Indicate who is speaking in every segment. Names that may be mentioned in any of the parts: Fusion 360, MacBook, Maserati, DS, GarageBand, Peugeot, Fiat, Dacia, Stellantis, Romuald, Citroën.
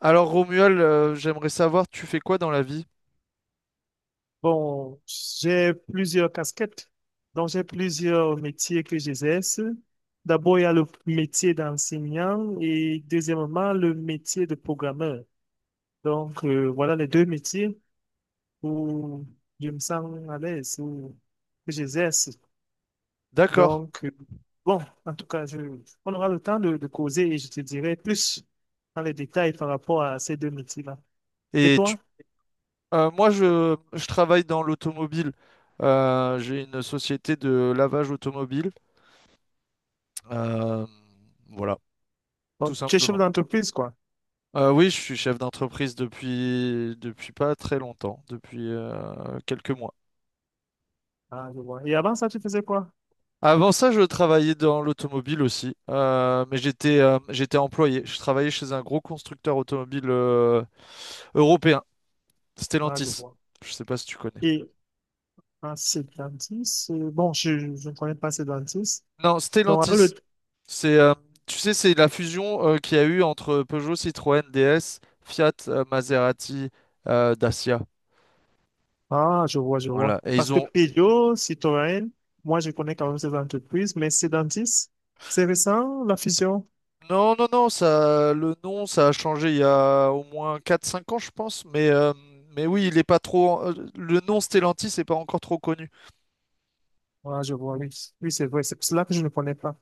Speaker 1: Alors Romuald, j'aimerais savoir, tu fais quoi dans la vie?
Speaker 2: Bon, j'ai plusieurs casquettes, donc j'ai plusieurs métiers que j'exerce. D'abord, il y a le métier d'enseignant et deuxièmement, le métier de programmeur. Donc, voilà les deux métiers où je me sens à l'aise, où que j'exerce.
Speaker 1: D'accord.
Speaker 2: Donc, bon, en tout cas, on aura le temps de causer et je te dirai plus dans les détails par rapport à ces deux métiers-là. Et
Speaker 1: Et tu-
Speaker 2: toi?
Speaker 1: moi, je travaille dans l'automobile. J'ai une société de lavage automobile. Euh, voilà, tout
Speaker 2: Bon, tu es chef
Speaker 1: simplement.
Speaker 2: d'entreprise, quoi.
Speaker 1: Oui, je suis chef d'entreprise depuis pas très longtemps, depuis quelques mois.
Speaker 2: Ah, je vois. Et avant ça, tu faisais quoi?
Speaker 1: Avant ça, je travaillais dans l'automobile aussi, mais j'étais employé. Je travaillais chez un gros constructeur automobile européen,
Speaker 2: Ah, je
Speaker 1: Stellantis.
Speaker 2: vois.
Speaker 1: Je sais pas si tu connais.
Speaker 2: Et un dentiste, bon, je ne connais pas ces dentistes.
Speaker 1: Non,
Speaker 2: Donc, avec
Speaker 1: Stellantis.
Speaker 2: le
Speaker 1: C'est, tu sais, c'est la fusion qu'il y a eu entre Peugeot, Citroën, DS, Fiat, Maserati, Dacia.
Speaker 2: Ah, je vois, je
Speaker 1: Voilà.
Speaker 2: vois.
Speaker 1: Et
Speaker 2: Parce
Speaker 1: ils
Speaker 2: que
Speaker 1: ont.
Speaker 2: Peugeot, Citroën, moi, je connais quand même ces entreprises, mais ces dentistes, c'est récent, la fusion.
Speaker 1: Non, non, non, ça, le nom, ça a changé il y a au moins quatre cinq ans, je pense. Mais oui, il est pas trop. Le nom Stellantis n'est pas encore trop connu.
Speaker 2: Ah, je vois, oui. Oui, c'est vrai, c'est pour cela que je ne connais pas.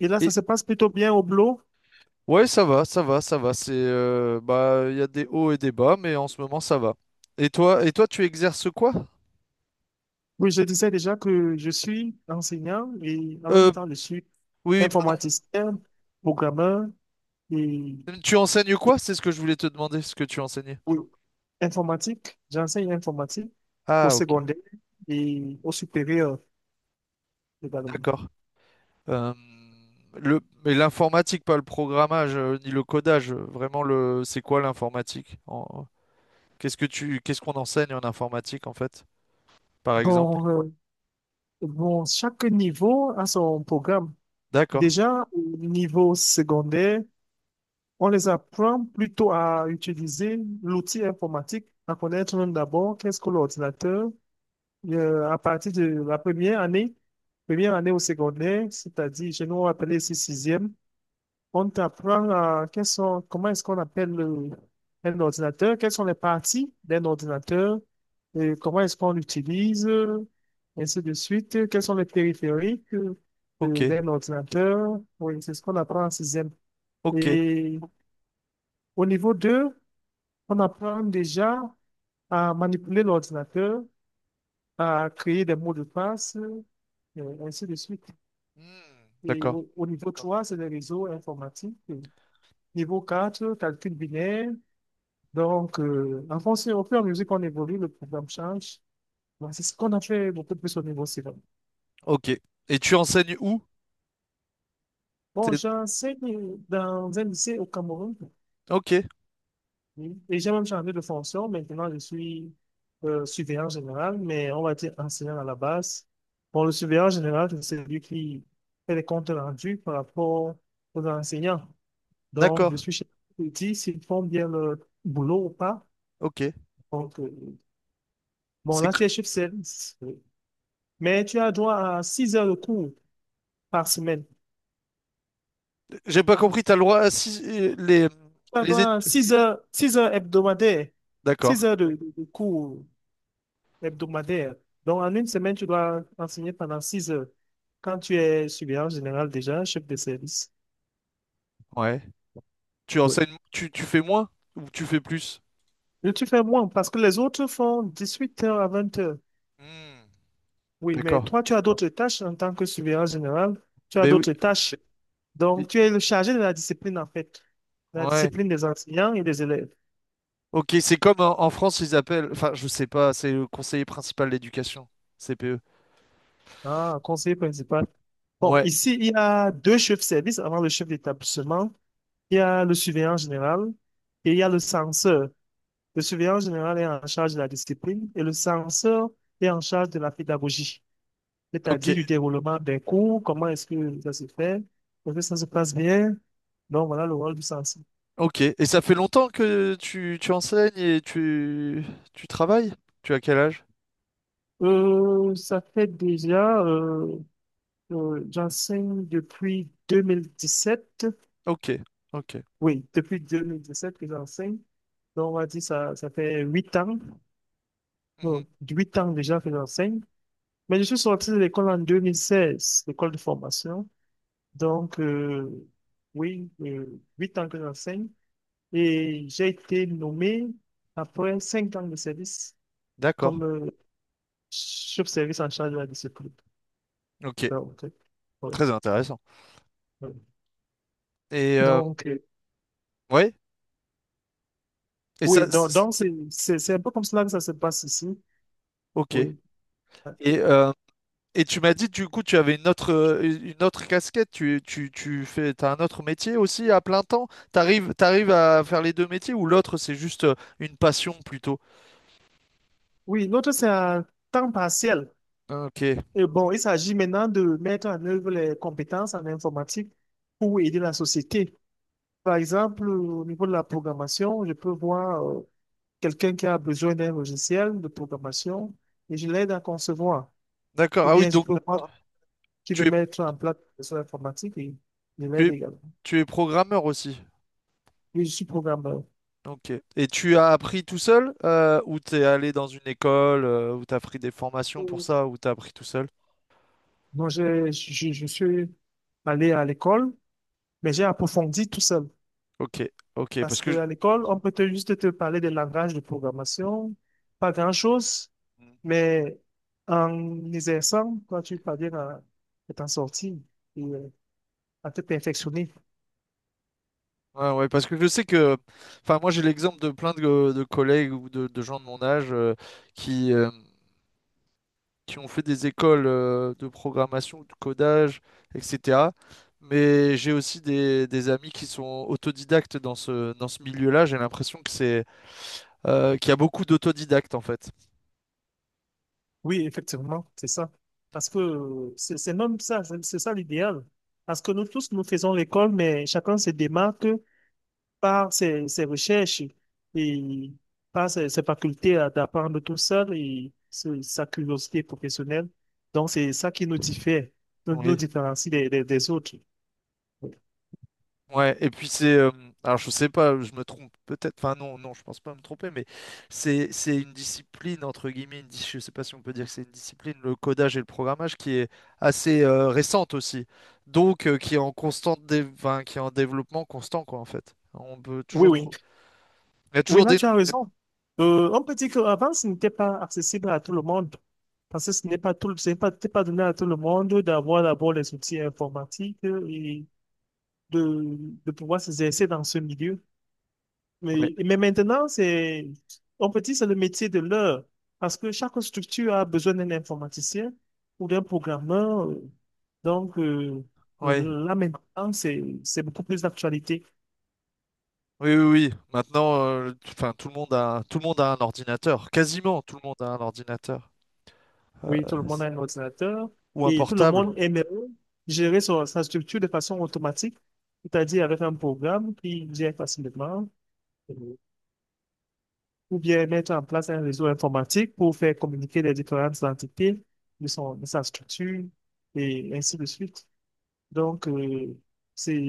Speaker 2: Et là, ça
Speaker 1: Et
Speaker 2: se passe plutôt bien au boulot.
Speaker 1: ouais, ça va, ça va, ça va. C'est, bah, il y a des hauts et des bas, mais en ce moment, ça va. Et toi, tu exerces quoi?
Speaker 2: Oui, je disais déjà que je suis enseignant et en même
Speaker 1: Euh,
Speaker 2: temps, je suis
Speaker 1: oui, oui.
Speaker 2: informaticien, programmeur et
Speaker 1: Tu enseignes quoi? C'est ce que je voulais te demander, ce que tu enseignais.
Speaker 2: oui. Informatique, j'enseigne informatique au
Speaker 1: Ah, ok,
Speaker 2: secondaire et au supérieur également.
Speaker 1: d'accord. Euh, mais l'informatique, pas le programmage, ni le codage, vraiment le, c'est quoi l'informatique? Qu'est-ce qu'on enseigne en informatique, en fait, par exemple?
Speaker 2: Bon, chaque niveau a son programme.
Speaker 1: D'accord,
Speaker 2: Déjà, au niveau secondaire, on les apprend plutôt à utiliser l'outil informatique, à connaître d'abord qu'est-ce que l'ordinateur à partir de la première année au secondaire, c'est-à-dire, chez nous, appelé ici sixième. On t'apprend quels sont, comment est-ce qu'on appelle un ordinateur, quelles sont les parties d'un ordinateur, et comment est-ce qu'on l'utilise, ainsi de suite, quels sont les périphériques
Speaker 1: ok,
Speaker 2: d'un ordinateur. Oui, c'est ce qu'on apprend en sixième.
Speaker 1: ok.
Speaker 2: Et au niveau 2, on apprend déjà à manipuler l'ordinateur, à créer des mots de passe, ainsi de suite.
Speaker 1: Hmm,
Speaker 2: Et
Speaker 1: d'accord,
Speaker 2: au niveau 3, c'est les réseaux informatiques. Niveau 4, calcul binaire. Donc, en fonction, au fur et à mesure qu'on évolue, le programme change. Bon, c'est ce qu'on a fait beaucoup plus au niveau civil.
Speaker 1: ok. Et tu enseignes où?
Speaker 2: Bon,
Speaker 1: T'es-
Speaker 2: j'enseigne dans un lycée au Cameroun,
Speaker 1: Ok,
Speaker 2: oui, et j'ai même changé de fonction. Maintenant, je suis surveillant général, mais on va dire enseignant à la base. Bon, le surveillant général, c'est celui qui fait les comptes rendus par rapport aux enseignants. Donc, je
Speaker 1: d'accord,
Speaker 2: suis chef qui dit s'ils font bien leur boulot ou pas.
Speaker 1: ok.
Speaker 2: Donc, bon,
Speaker 1: C'est,
Speaker 2: là,
Speaker 1: que-
Speaker 2: tu es chef service, oui. Mais tu as droit à 6 heures de cours par semaine.
Speaker 1: j'ai pas compris, t'as le droit à les,
Speaker 2: Ça
Speaker 1: les
Speaker 2: doit
Speaker 1: études.
Speaker 2: 6 heures hebdomadaires,
Speaker 1: D'accord,
Speaker 2: 6 heures de cours hebdomadaires. Donc, en une semaine, tu dois enseigner pendant 6 heures. Quand tu es surveillant général déjà, chef de service.
Speaker 1: ouais. Tu
Speaker 2: Oui.
Speaker 1: enseignes, tu fais moins ou tu fais plus?
Speaker 2: Et tu fais moins parce que les autres font 18 heures à 20 heures.
Speaker 1: Hmm,
Speaker 2: Oui, mais
Speaker 1: d'accord.
Speaker 2: toi, tu as d'autres tâches en tant que surveillant général. Tu as
Speaker 1: Ben oui.
Speaker 2: d'autres tâches.
Speaker 1: Oui.
Speaker 2: Donc, tu es le chargé de la discipline, en fait. La
Speaker 1: Ouais.
Speaker 2: discipline des enseignants et des élèves.
Speaker 1: Ok, c'est comme en France, ils appellent, enfin, je sais pas, c'est le conseiller principal d'éducation, CPE.
Speaker 2: Ah, conseiller principal. Bon,
Speaker 1: Ouais,
Speaker 2: ici, il y a deux chefs de service avant le chef d'établissement. Il y a le surveillant général et il y a le censeur. Le surveillant général est en charge de la discipline et le censeur est en charge de la pédagogie,
Speaker 1: ok,
Speaker 2: c'est-à-dire du déroulement des cours, comment est-ce que ça se fait, est-ce que ça se passe bien. Donc, voilà le rôle du censeur.
Speaker 1: ok. Et ça fait longtemps que tu enseignes et tu travailles? Tu as quel âge?
Speaker 2: Ça fait j'enseigne depuis sept.
Speaker 1: Ok, ok.
Speaker 2: Oui, depuis 2017 que j'enseigne. Donc, on va dire ça fait huit ans.
Speaker 1: Mhm.
Speaker 2: Bon, huit ans déjà que j'enseigne. Mais je suis sorti de l'école en 2016, l'école de formation. Donc, oui, euh, huit ans que j'enseigne. Et j'ai été nommé après cinq ans de service comme
Speaker 1: D'accord.
Speaker 2: chef-service en charge de la discipline.
Speaker 1: Ok,
Speaker 2: Donc, oui,
Speaker 1: très intéressant.
Speaker 2: oui.
Speaker 1: Et
Speaker 2: Donc,
Speaker 1: ouais, et
Speaker 2: oui,
Speaker 1: ça, c-
Speaker 2: donc c'est un peu comme cela que ça se passe ici.
Speaker 1: ok.
Speaker 2: Oui.
Speaker 1: Et euh, Et tu m'as dit, du coup, tu avais une autre casquette, t'as un autre métier aussi à plein temps? T'arrives à faire les deux métiers ou l'autre, c'est juste une passion plutôt?
Speaker 2: Oui, l'autre, c'est à temps partiel.
Speaker 1: Ok,
Speaker 2: Et bon, il s'agit maintenant de mettre en œuvre les compétences en informatique pour aider la société. Par exemple, au niveau de la programmation, je peux voir quelqu'un qui a besoin d'un logiciel de programmation et je l'aide à concevoir.
Speaker 1: d'accord.
Speaker 2: Ou
Speaker 1: Ah oui,
Speaker 2: bien je
Speaker 1: donc
Speaker 2: peux voir qui
Speaker 1: tu
Speaker 2: veut
Speaker 1: es,
Speaker 2: mettre en place des solution informatiques et je
Speaker 1: tu
Speaker 2: l'aide
Speaker 1: es,
Speaker 2: également.
Speaker 1: tu es programmeur aussi.
Speaker 2: Oui, je suis programmeur.
Speaker 1: Ok. Et tu as appris tout seul ou t'es allé dans une école ou t'as pris des formations pour
Speaker 2: Mm.
Speaker 1: ça ou t'as appris tout seul?
Speaker 2: Je suis allé à l'école, mais j'ai approfondi tout seul.
Speaker 1: Ok, ok, parce
Speaker 2: Parce
Speaker 1: que
Speaker 2: qu'à l'école, on peut juste te parler des langages de programmation, pas grand-chose,
Speaker 1: je-
Speaker 2: mais en exerçant, toi, tu parviens à t'en sortir et à te perfectionner.
Speaker 1: Ouais, ouais, parce que je sais que, enfin, moi j'ai l'exemple de plein de collègues ou de gens de mon âge qui, euh, qui ont fait des écoles de programmation, ou de codage, etc. Mais j'ai aussi des amis qui sont autodidactes dans ce milieu-là. J'ai l'impression qu'il y a beaucoup d'autodidactes en fait.
Speaker 2: Oui, effectivement, c'est ça. Parce que c'est même ça, c'est ça l'idéal. Parce que nous tous, nous faisons l'école, mais chacun se démarque par ses recherches et par ses facultés d'apprendre tout seul et sa curiosité professionnelle. Donc, c'est ça qui nous diffère, nous
Speaker 1: Oui.
Speaker 2: différencie des, des autres.
Speaker 1: Ouais, et puis c'est alors je sais pas, je me trompe peut-être, enfin non, non, je pense pas me tromper, mais c'est une discipline entre guillemets, je sais pas si on peut dire que c'est une discipline, le codage et le programmage qui est assez récente aussi. Donc qui est enfin, qui est en développement constant quoi en fait. On peut
Speaker 2: Oui,
Speaker 1: toujours
Speaker 2: oui.
Speaker 1: trouver. Il y a
Speaker 2: Oui,
Speaker 1: toujours
Speaker 2: là,
Speaker 1: des.
Speaker 2: tu as raison. On peut dire qu'avant, ce n'était pas accessible à tout le monde. Parce que ce n'est pas tout, ce n'est pas, c'était pas donné à tout le monde d'avoir d'abord les outils informatiques et de, de pouvoir s'exercer dans ce milieu.
Speaker 1: Ouais,
Speaker 2: Mais maintenant, on peut dire que c'est le métier de l'heure. Parce que chaque structure a besoin d'un informaticien ou d'un programmeur. Donc,
Speaker 1: ouais,
Speaker 2: là maintenant, c'est beaucoup plus d'actualité.
Speaker 1: oui, oui, oui. Maintenant, enfin, tout le monde a un ordinateur. Quasiment tout le monde a un ordinateur.
Speaker 2: Oui,
Speaker 1: Euh,
Speaker 2: tout le monde a
Speaker 1: c'est-
Speaker 2: un ordinateur
Speaker 1: Ou un
Speaker 2: et tout le
Speaker 1: portable.
Speaker 2: monde aime gérer sa structure de façon automatique, c'est-à-dire avec un programme qui gère facilement, euh, ou bien mettre en place un réseau informatique pour faire communiquer les différentes entités de de sa structure et ainsi de suite. Donc, c'est,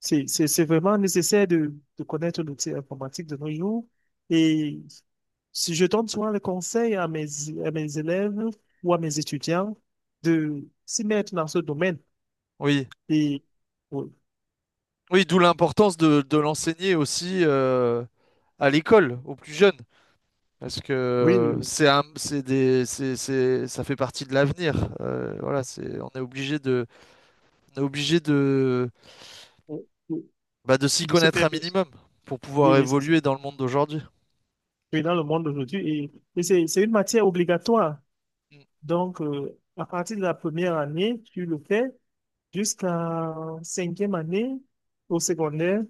Speaker 2: c'est c'est vraiment nécessaire de connaître l'outil informatique de nos jours. Et si je donne souvent le conseil à à mes élèves ou à mes étudiants de s'y mettre dans ce domaine.
Speaker 1: Oui.
Speaker 2: Et oui,
Speaker 1: Oui, d'où l'importance de l'enseigner aussi à l'école, aux plus jeunes, parce
Speaker 2: oui,
Speaker 1: que c'est un- c'est des, c'est- ça fait partie de l'avenir. Voilà, on est obligé de,
Speaker 2: oui, oui,
Speaker 1: bah, de s'y
Speaker 2: de se
Speaker 1: connaître
Speaker 2: faire.
Speaker 1: un minimum pour
Speaker 2: Oui,
Speaker 1: pouvoir
Speaker 2: oui, c'est ça.
Speaker 1: évoluer dans le monde d'aujourd'hui.
Speaker 2: Oui, dans le monde d'aujourd'hui. Et c'est une matière obligatoire.
Speaker 1: Mm.
Speaker 2: Donc, à partir de la première année, tu le fais jusqu'à cinquième année au secondaire.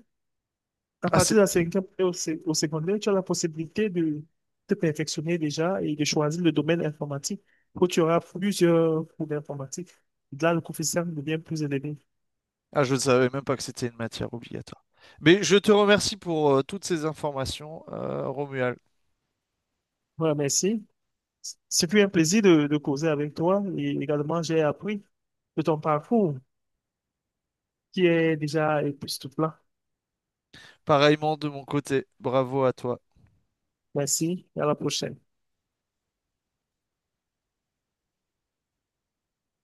Speaker 2: À
Speaker 1: Ah, c'est,
Speaker 2: partir de la cinquième année au secondaire, tu as la possibilité de te perfectionner déjà et de choisir le domaine informatique où tu auras plusieurs cours d'informatique. Là, le coefficient devient plus élevé.
Speaker 1: ah, je ne savais même pas que c'était une matière obligatoire. Mais je te remercie pour toutes ces informations, Romuald.
Speaker 2: Voilà, merci. C'est plus un plaisir de causer avec toi et également j'ai appris de ton parcours qui est déjà époustouflant.
Speaker 1: Pareillement de mon côté, bravo à toi.
Speaker 2: Merci et à la prochaine.